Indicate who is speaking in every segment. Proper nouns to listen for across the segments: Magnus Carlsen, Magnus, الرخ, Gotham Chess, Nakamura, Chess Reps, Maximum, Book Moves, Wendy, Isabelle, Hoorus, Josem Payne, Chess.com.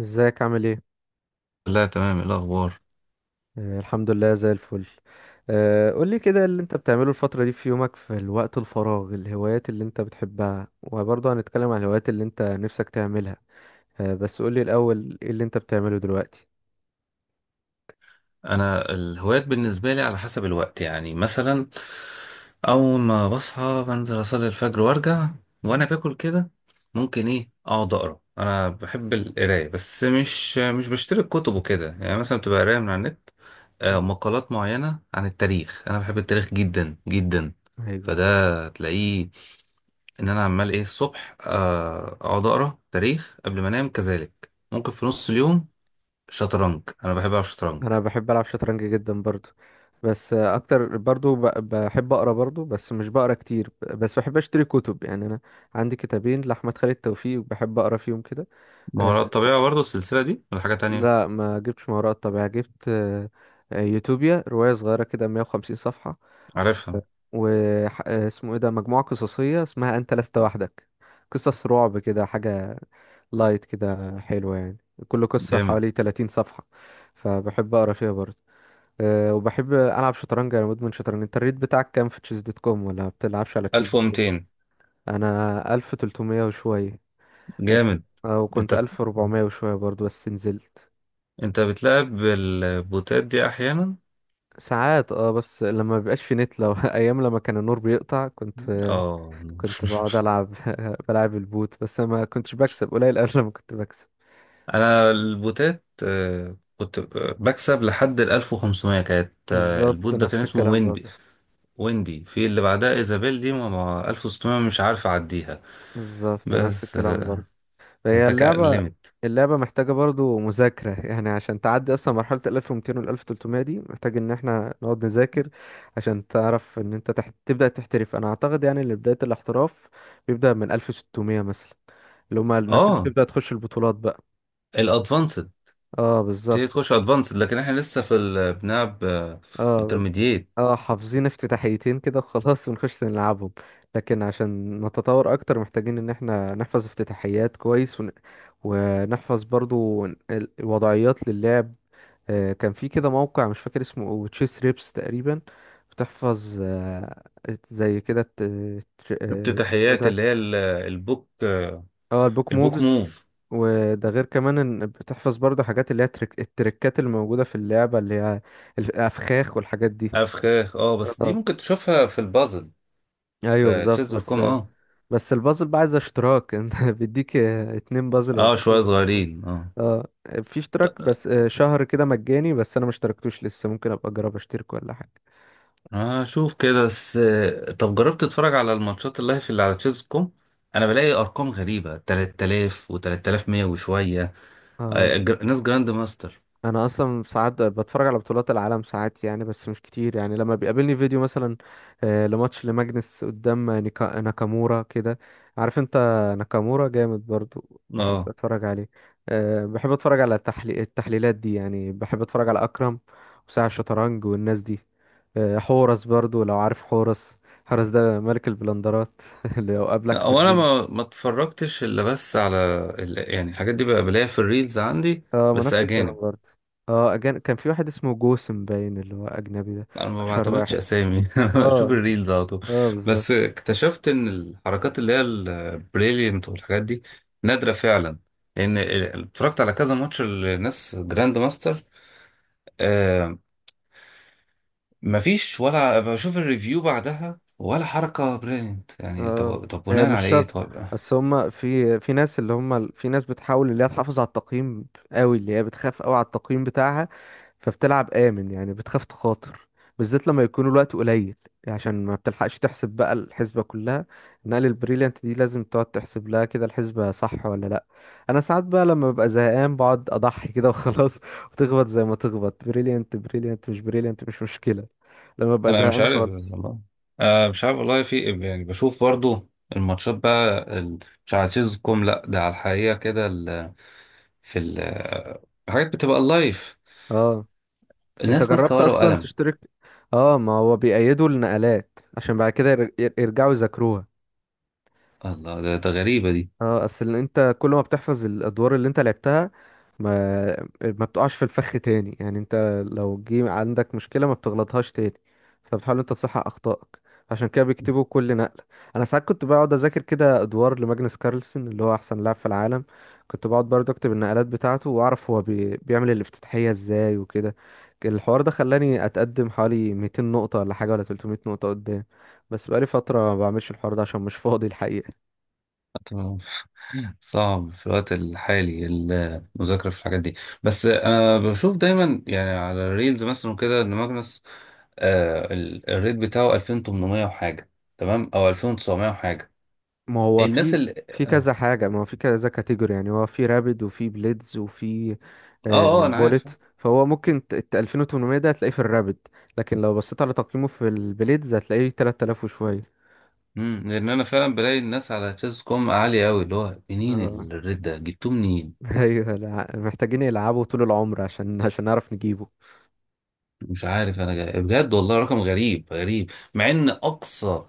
Speaker 1: ازيك عامل ايه؟
Speaker 2: لا، تمام. إيه الاخبار؟
Speaker 1: الحمد لله زي الفل. قولي كده اللي انت بتعمله الفترة دي في يومك في الوقت الفراغ، الهوايات اللي انت بتحبها، وبرضه هنتكلم عن الهوايات اللي انت نفسك تعملها. بس قولي الأول ايه اللي انت بتعمله دلوقتي.
Speaker 2: انا الهوايات بالنسبه لي على حسب الوقت. يعني مثلا اول ما بصحى بنزل اصلي الفجر وارجع، وانا باكل كده ممكن اقعد اقرا. انا بحب القرايه، بس مش بشتري كتب وكده. يعني مثلا بتبقى قرايه من على النت،
Speaker 1: مم.
Speaker 2: مقالات معينه عن التاريخ. انا بحب التاريخ جدا جدا،
Speaker 1: ايوه.
Speaker 2: فده تلاقيه ان انا عمال ايه الصبح، اقعد اقرا تاريخ قبل ما انام، كذلك ممكن في نص اليوم. شطرنج، انا بحب العب شطرنج.
Speaker 1: انا بحب العب شطرنج جدا برضو، بس اكتر برضو بحب اقرا برضو، بس مش بقرا كتير. بس بحب اشتري كتب، يعني انا عندي كتابين لاحمد خالد توفيق بحب اقرا فيهم كده.
Speaker 2: مهارات طبيعة برضه السلسلة دي ولا حاجة تانية؟
Speaker 1: لا، ما جبتش ما وراء الطبيعة، جبت يوتوبيا، رواية صغيرة كده 150 صفحة.
Speaker 2: عارفها.
Speaker 1: واسمه ايه ده، مجموعة قصصية اسمها أنت لست وحدك، قصص رعب كده، حاجة لايت كده حلوة يعني. كل قصة
Speaker 2: جامد.
Speaker 1: حوالي 30 صفحة، فبحب أقرأ فيها برضه. وبحب ألعب شطرنج، أنا مدمن شطرنج. أنت الريت بتاعك كام في تشيز دوت كوم؟ ولا ما بتلعبش على تشيز دوت كوم؟
Speaker 2: 1200.
Speaker 1: أنا 1300 وشوية. آه،
Speaker 2: جامد.
Speaker 1: أو كنت
Speaker 2: انت
Speaker 1: 1400 وشوية برضه بس نزلت.
Speaker 2: انت بتلعب بالبوتات دي احيانا؟
Speaker 1: ساعات اه، بس لما بيبقاش في نت، لو ايام لما كان النور بيقطع كنت،
Speaker 2: اه.
Speaker 1: كنت بقعد العب بلعب البوت، بس ما كنتش بكسب، قليل قوي لما كنت بكسب.
Speaker 2: انا البوتات كنت بكسب لحد ال 1500، كانت
Speaker 1: بالظبط
Speaker 2: البوت ده كان
Speaker 1: نفس
Speaker 2: اسمه
Speaker 1: الكلام برضه.
Speaker 2: ويندي. ويندي، في اللي بعدها ايزابيل، دي ما 1600 مش عارف اعديها.
Speaker 1: بالظبط نفس
Speaker 2: بس،
Speaker 1: الكلام برضه. هي
Speaker 2: ده كان
Speaker 1: اللعبة،
Speaker 2: الليميت.
Speaker 1: اللعبة محتاجة برضه مذاكرة، يعني عشان تعدي أصلا مرحلة ال 1200 وال 1300 دي محتاج إن احنا نقعد نذاكر، عشان تعرف إن أنت تحت، تبدأ تحترف. أنا أعتقد يعني إن بداية الاحتراف بيبدأ من 1600 مثلا، اللي هما الناس اللي
Speaker 2: اه،
Speaker 1: بتبدأ تخش البطولات بقى.
Speaker 2: الادفانسد،
Speaker 1: اه
Speaker 2: تبتدي
Speaker 1: بالظبط.
Speaker 2: تخش ادفانسد، لكن احنا لسه في بنلعب
Speaker 1: اه،
Speaker 2: انترميديت.
Speaker 1: اه حافظين افتتاحيتين كده وخلاص ونخش نلعبهم، لكن عشان نتطور اكتر محتاجين ان احنا نحفظ افتتاحيات كويس ون، ونحفظ برضو الوضعيات للعب. آه كان في كده موقع مش فاكر اسمه تشيس ريبس تقريبا، بتحفظ آه، زي كده اسمه إيه
Speaker 2: افتتاحيات
Speaker 1: ده.
Speaker 2: اللي هي البوك.
Speaker 1: اه البوك
Speaker 2: البوك
Speaker 1: موفز.
Speaker 2: موف.
Speaker 1: وده غير كمان ان بتحفظ برضو حاجات اللي هي التريكات اللي موجودة في اللعبة، اللي هي الافخاخ والحاجات دي.
Speaker 2: افخاخ، اه، بس دي
Speaker 1: اه،
Speaker 2: ممكن تشوفها في البازل.
Speaker 1: ايوه
Speaker 2: في تشيز
Speaker 1: بالظبط.
Speaker 2: دوت
Speaker 1: بس،
Speaker 2: كوم، اه.
Speaker 1: بس البازل بقى عايز اشتراك انت بيديك اتنين بازل ولا
Speaker 2: اه،
Speaker 1: تلاتة
Speaker 2: شويه
Speaker 1: بازل وخلاص.
Speaker 2: صغيرين، اه.
Speaker 1: اه في اشتراك، بس شهر كده مجاني، بس انا ما اشتركتوش لسه، ممكن ابقى اجرب اشترك ولا حاجه.
Speaker 2: هشوف كده، بس طب جربت تتفرج على الماتشات اللايف اللي على تشيز دوت كوم؟ انا بلاقي ارقام غريبه، 3000 و3100 وشويه،
Speaker 1: اه،
Speaker 2: ناس جراند ماستر.
Speaker 1: انا اصلا ساعات بتفرج على بطولات العالم ساعات يعني، بس مش كتير يعني، لما بيقابلني فيديو مثلا، لماتش لماجنس قدام ناكامورا كده، عارف انت. ناكامورا جامد برضو، بحب
Speaker 2: اه.
Speaker 1: اتفرج عليه. بحب اتفرج على التحليلات دي، يعني بحب اتفرج على اكرم وساعة الشطرنج والناس دي. حورس برضو لو عارف حورس، حورس ده ملك البلندرات اللي لو قابلك
Speaker 2: لا،
Speaker 1: في
Speaker 2: هو انا
Speaker 1: الريل.
Speaker 2: ما اتفرجتش الا بس على يعني الحاجات دي بقى، بلاقيها في الريلز عندي،
Speaker 1: اه، ما
Speaker 2: بس
Speaker 1: نفس
Speaker 2: اجانب.
Speaker 1: الكلام برضه. اه كان في واحد اسمه جوسم باين اللي هو اجنبي ده،
Speaker 2: انا ما
Speaker 1: اشهر
Speaker 2: بعتمدش
Speaker 1: واحد.
Speaker 2: اسامي. انا بشوف
Speaker 1: اه.
Speaker 2: الريلز على طول.
Speaker 1: اه بالظبط.
Speaker 2: بس اكتشفت ان الحركات اللي هي البريليانت والحاجات دي نادره فعلا، لان اتفرجت على كذا ماتش لناس جراند ماستر. آه، مفيش، ولا بشوف الريفيو بعدها ولا حركه بريليانت. يعني
Speaker 1: آه،
Speaker 2: طب
Speaker 1: هي
Speaker 2: بناء
Speaker 1: مش
Speaker 2: على ايه؟
Speaker 1: شرط،
Speaker 2: طب.
Speaker 1: بس هما في، في ناس، اللي هما في ناس بتحاول اللي هي تحافظ على التقييم قوي، اللي هي بتخاف قوي على التقييم بتاعها، فبتلعب آمن يعني، بتخاف تخاطر، بالذات لما يكون الوقت قليل، يعني عشان ما بتلحقش تحسب بقى الحسبة كلها. نقل البريليانت دي لازم تقعد تحسب لها كده الحسبة، صح ولا لا. انا ساعات بقى لما ببقى زهقان بقعد اضحي كده وخلاص وتخبط زي ما تخبط، بريليانت بريليانت، مش بريليانت مش مشكلة، لما ببقى
Speaker 2: انا مش
Speaker 1: زهقان
Speaker 2: عارف
Speaker 1: خالص.
Speaker 2: والله، مش عارف والله في إيه. يعني بشوف برضو الماتشات بقى مش على تشيز كوم، لا ده على الحقيقه كده، في ال- حاجات بتبقى لايف.
Speaker 1: اه. انت
Speaker 2: الناس ماسكة
Speaker 1: جربت
Speaker 2: ورقة
Speaker 1: اصلا
Speaker 2: وقلم.
Speaker 1: تشترك؟ اه ما هو بيأيدوا النقلات عشان بعد كده يرجعوا يذاكروها.
Speaker 2: الله، ده غريبة دي.
Speaker 1: اه، اصل انت كل ما بتحفظ الادوار اللي انت لعبتها ما، ما بتقعش في الفخ تاني، يعني انت لو جه عندك مشكله ما بتغلطهاش تاني، فبتحاول انت تصحح اخطائك، عشان كده بيكتبوا كل نقله. انا ساعات كنت بقعد اذاكر كده ادوار لماجنس كارلسن، اللي هو احسن لاعب في العالم، كنت بقعد برضه اكتب النقلات بتاعته واعرف هو بيعمل الافتتاحيه ازاي وكده. الحوار ده خلاني اتقدم حوالي 200 نقطه ولا حاجه، ولا 300 نقطه قدام، بس بقالي فتره ما بعملش الحوار ده عشان مش فاضي الحقيقه.
Speaker 2: طب، صعب في الوقت الحالي المذاكرة في الحاجات دي. بس أنا بشوف دايما يعني على الريلز مثلا وكده، إن ماجنس، آه الريت بتاعه 2800 وحاجة، تمام، أو 2900 وحاجة.
Speaker 1: ما هو
Speaker 2: الناس
Speaker 1: في،
Speaker 2: اللي
Speaker 1: في كذا حاجة، ما هو في كذا كاتيجوري يعني، هو في رابد وفي بليدز وفي
Speaker 2: أنا عارف.
Speaker 1: بولت، فهو ممكن 2800 ده هتلاقيه في الرابد، لكن لو بصيت على تقييمه في البليدز هتلاقيه 3000 وشوية.
Speaker 2: امم، لأن أنا فعلا بلاقي الناس على تشيز كوم عالية أوي. اللي هو
Speaker 1: اه
Speaker 2: منين الريت ده؟ جبتوه منين؟
Speaker 1: ايوه لا، محتاجين يلعبوا طول العمر عشان، عشان نعرف نجيبه.
Speaker 2: مش عارف أنا جاي، بجد والله رقم غريب غريب، مع إن أقصى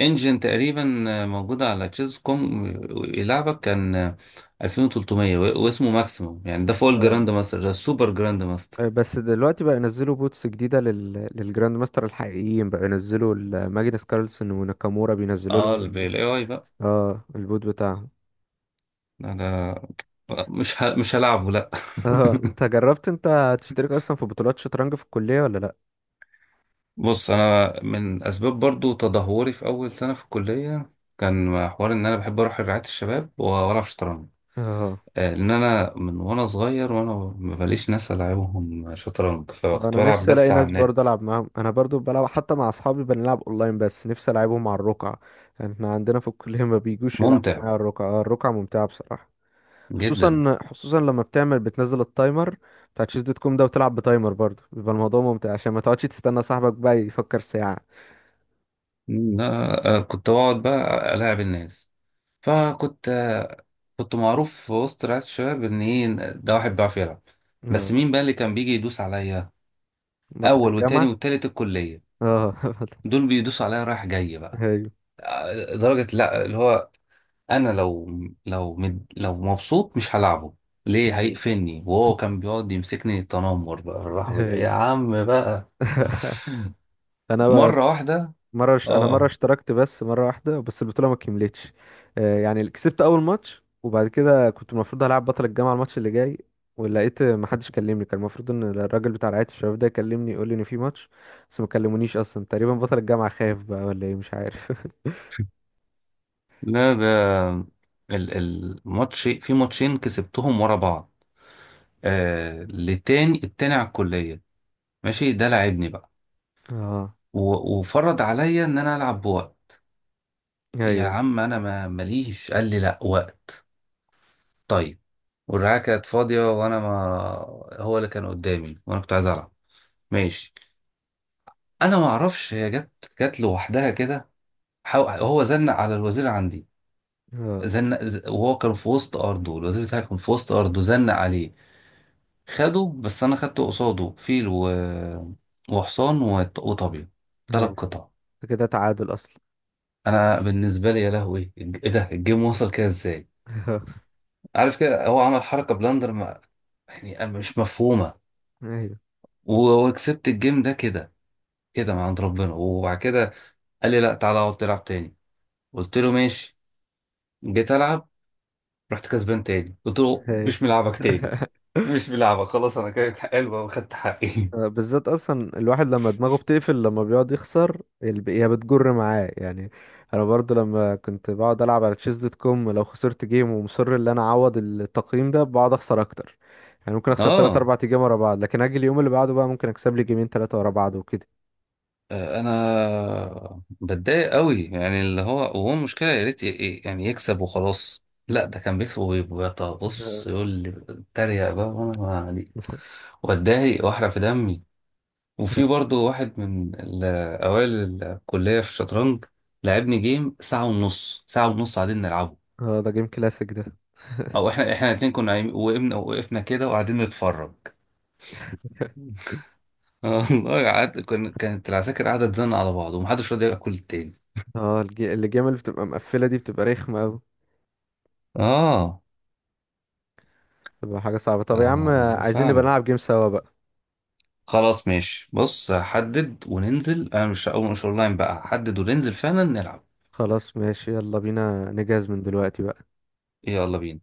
Speaker 2: انجن تقريبا موجودة على تشيز كوم يلعبك، كان 2300، واسمه ماكسيموم. يعني ده فوق
Speaker 1: اه.
Speaker 2: الجراند ماستر، ده السوبر جراند ماستر.
Speaker 1: بس دلوقتي بقى ينزلوا بوتس جديدة للجراند ماستر الحقيقيين بقى، ينزلوا ماجنس كارلسن وناكامورا بينزلوا
Speaker 2: اه،
Speaker 1: لهم ال...
Speaker 2: الاي اي بقى.
Speaker 1: اه البوت بتاعهم.
Speaker 2: ده, ده مش ه... مش هلعبه، لا.
Speaker 1: اه انت جربت انت تشترك اصلا في بطولات شطرنج في الكلية ولا لا؟
Speaker 2: بص، انا من اسباب برضو تدهوري في اول سنة في الكلية، كان حوار ان انا بحب اروح رعاية الشباب والعب شطرنج.
Speaker 1: اه،
Speaker 2: لان انا من وانا صغير، وانا مباليش ناس العبهم شطرنج، فكنت
Speaker 1: انا
Speaker 2: بلعب
Speaker 1: نفسي الاقي
Speaker 2: بس على
Speaker 1: ناس
Speaker 2: النت.
Speaker 1: برضه العب معاهم، انا برضه بلعب حتى مع اصحابي بنلعب اونلاين، بس نفسي العبهم على الرقعة. احنا عندنا في الكلية ما بيجوش يلعبوا
Speaker 2: ممتع
Speaker 1: معايا على الرقعة. اه الرقعة ممتعة بصراحة،
Speaker 2: جدا،
Speaker 1: خصوصا خصوصا لما بتعمل، بتنزل التايمر بتاع تشيز دوت كوم ده وتلعب بتايمر برضه، بيبقى الموضوع ممتع عشان ما تقعدش تستنى صاحبك بقى يفكر ساعة.
Speaker 2: إن أنا كنت بقعد بقى ألاعب الناس. فكنت كنت معروف في وسط رعاية الشباب، إن إيه ده واحد بيعرف يلعب. بس
Speaker 1: اه
Speaker 2: مين بقى اللي كان بيجي يدوس عليا؟
Speaker 1: بطل
Speaker 2: أول وتاني
Speaker 1: الجامعة.
Speaker 2: والتالت الكلية،
Speaker 1: اه بطل-
Speaker 2: دول بيدوسوا عليا رايح جاي بقى.
Speaker 1: ايوه.
Speaker 2: درجة، لا اللي هو أنا لو، لو مد، لو مبسوط مش هلعبه ليه، هيقفلني، وهو كان بيقعد يمسكني تنمر بقى. الرحمة يا
Speaker 1: ايوه
Speaker 2: عم بقى.
Speaker 1: انا
Speaker 2: مرة واحدة،
Speaker 1: انا مرة
Speaker 2: اه.
Speaker 1: اشتركت بس مرة واحدة، بس البطولة ما كملتش. يعني كسبت اول ماتش، وبعد كده كنت المفروض هلعب بطل الجامعة الماتش اللي جاي، ولقيت ما حدش كلمني، كان المفروض ان الراجل بتاع رعاية الشباب ده يكلمني يقول لي ان في ماتش، بس ما كلمونيش اصلا تقريبا، بطل الجامعة خايف بقى ولا ايه مش عارف.
Speaker 2: لا ده الماتش، في ماتشين كسبتهم ورا بعض، آه، لتاني، التاني على الكلية. ماشي، ده لعبني بقى،
Speaker 1: اه.
Speaker 2: وفرض عليا ان انا العب بوقت. يا
Speaker 1: ايوه.
Speaker 2: عم انا ما ماليش. قال لي لا وقت. طيب. والرعاية كانت فاضية، وانا ما، هو اللي كان قدامي، وانا كنت عايز العب. ماشي. انا ما اعرفش هي جت، جت لوحدها كده. هو زنق على الوزير عندي،
Speaker 1: اه.
Speaker 2: زنق، وهو كان في وسط ارضه، الوزير بتاعي كان في وسط ارضه، زنق عليه، خده، بس انا خدت قصاده فيل، وحصان، وطبيعي. ثلاث
Speaker 1: ايوه
Speaker 2: قطع.
Speaker 1: كده تعادل اصلا.
Speaker 2: انا بالنسبه لي، يا لهوي ايه ده، الجيم وصل كده ازاي؟ عارف كده، هو عمل حركه بلاندر، ما... يعني مش مفهومه.
Speaker 1: ايوه.
Speaker 2: وكسبت الجيم ده كده، كده من عند ربنا. وبعد كده قال لي لا تعالى اقعد تلعب تاني، قلت له ماشي، جيت العب، رحت كسبان تاني، قلت له
Speaker 1: ايوه.
Speaker 2: مش ملعبك تاني. مش ملعبك خلاص، انا كده حلو وخدت حقي.
Speaker 1: بالذات اصلا الواحد لما دماغه بتقفل لما بيقعد يخسر، هي بتجر معاه يعني. انا برضو لما كنت بقعد العب على تشيز دوت كوم، لو خسرت جيم ومصر ان انا اعوض التقييم ده، بقعد اخسر اكتر، يعني ممكن اخسر 3
Speaker 2: اه.
Speaker 1: 4 جيم ورا بعض، لكن اجي اليوم اللي بعده بقى ممكن اكسب لي جيمين 3 ورا بعض وكده.
Speaker 2: انا بتضايق قوي، يعني اللي هو، وهو المشكله يا ريت يعني يكسب وخلاص، لا ده كان بيكسب وبيبقى بص يقول لي اتريق بقى وانا ما علي، واتضايق واحرق في دمي. وفي برضه واحد من اوائل الكليه في الشطرنج، لعبني جيم ساعه ونص، ساعه ونص قاعدين نلعبه.
Speaker 1: اه ده جيم كلاسيك ده.
Speaker 2: او احنا، الاثنين كنا وقفنا، وقفنا كده وقاعدين نتفرج. والله قعدت، كانت العساكر قاعده تزن على بعض، ومحدش راضي ياكل التاني.
Speaker 1: اه الجيم اللي بتبقى مقفلة دي بتبقى رخمة أوي،
Speaker 2: اه.
Speaker 1: بتبقى حاجة صعبة. طب يا عم،
Speaker 2: آه
Speaker 1: عايزين نبقى
Speaker 2: فعلا.
Speaker 1: نلعب جيم سوا بقى.
Speaker 2: خلاص ماشي، بص حدد وننزل، انا مش اول، مش اونلاين بقى، حدد وننزل فعلا نلعب.
Speaker 1: خلاص ماشي، يلا بينا نجهز من دلوقتي بقى.
Speaker 2: يلا بينا.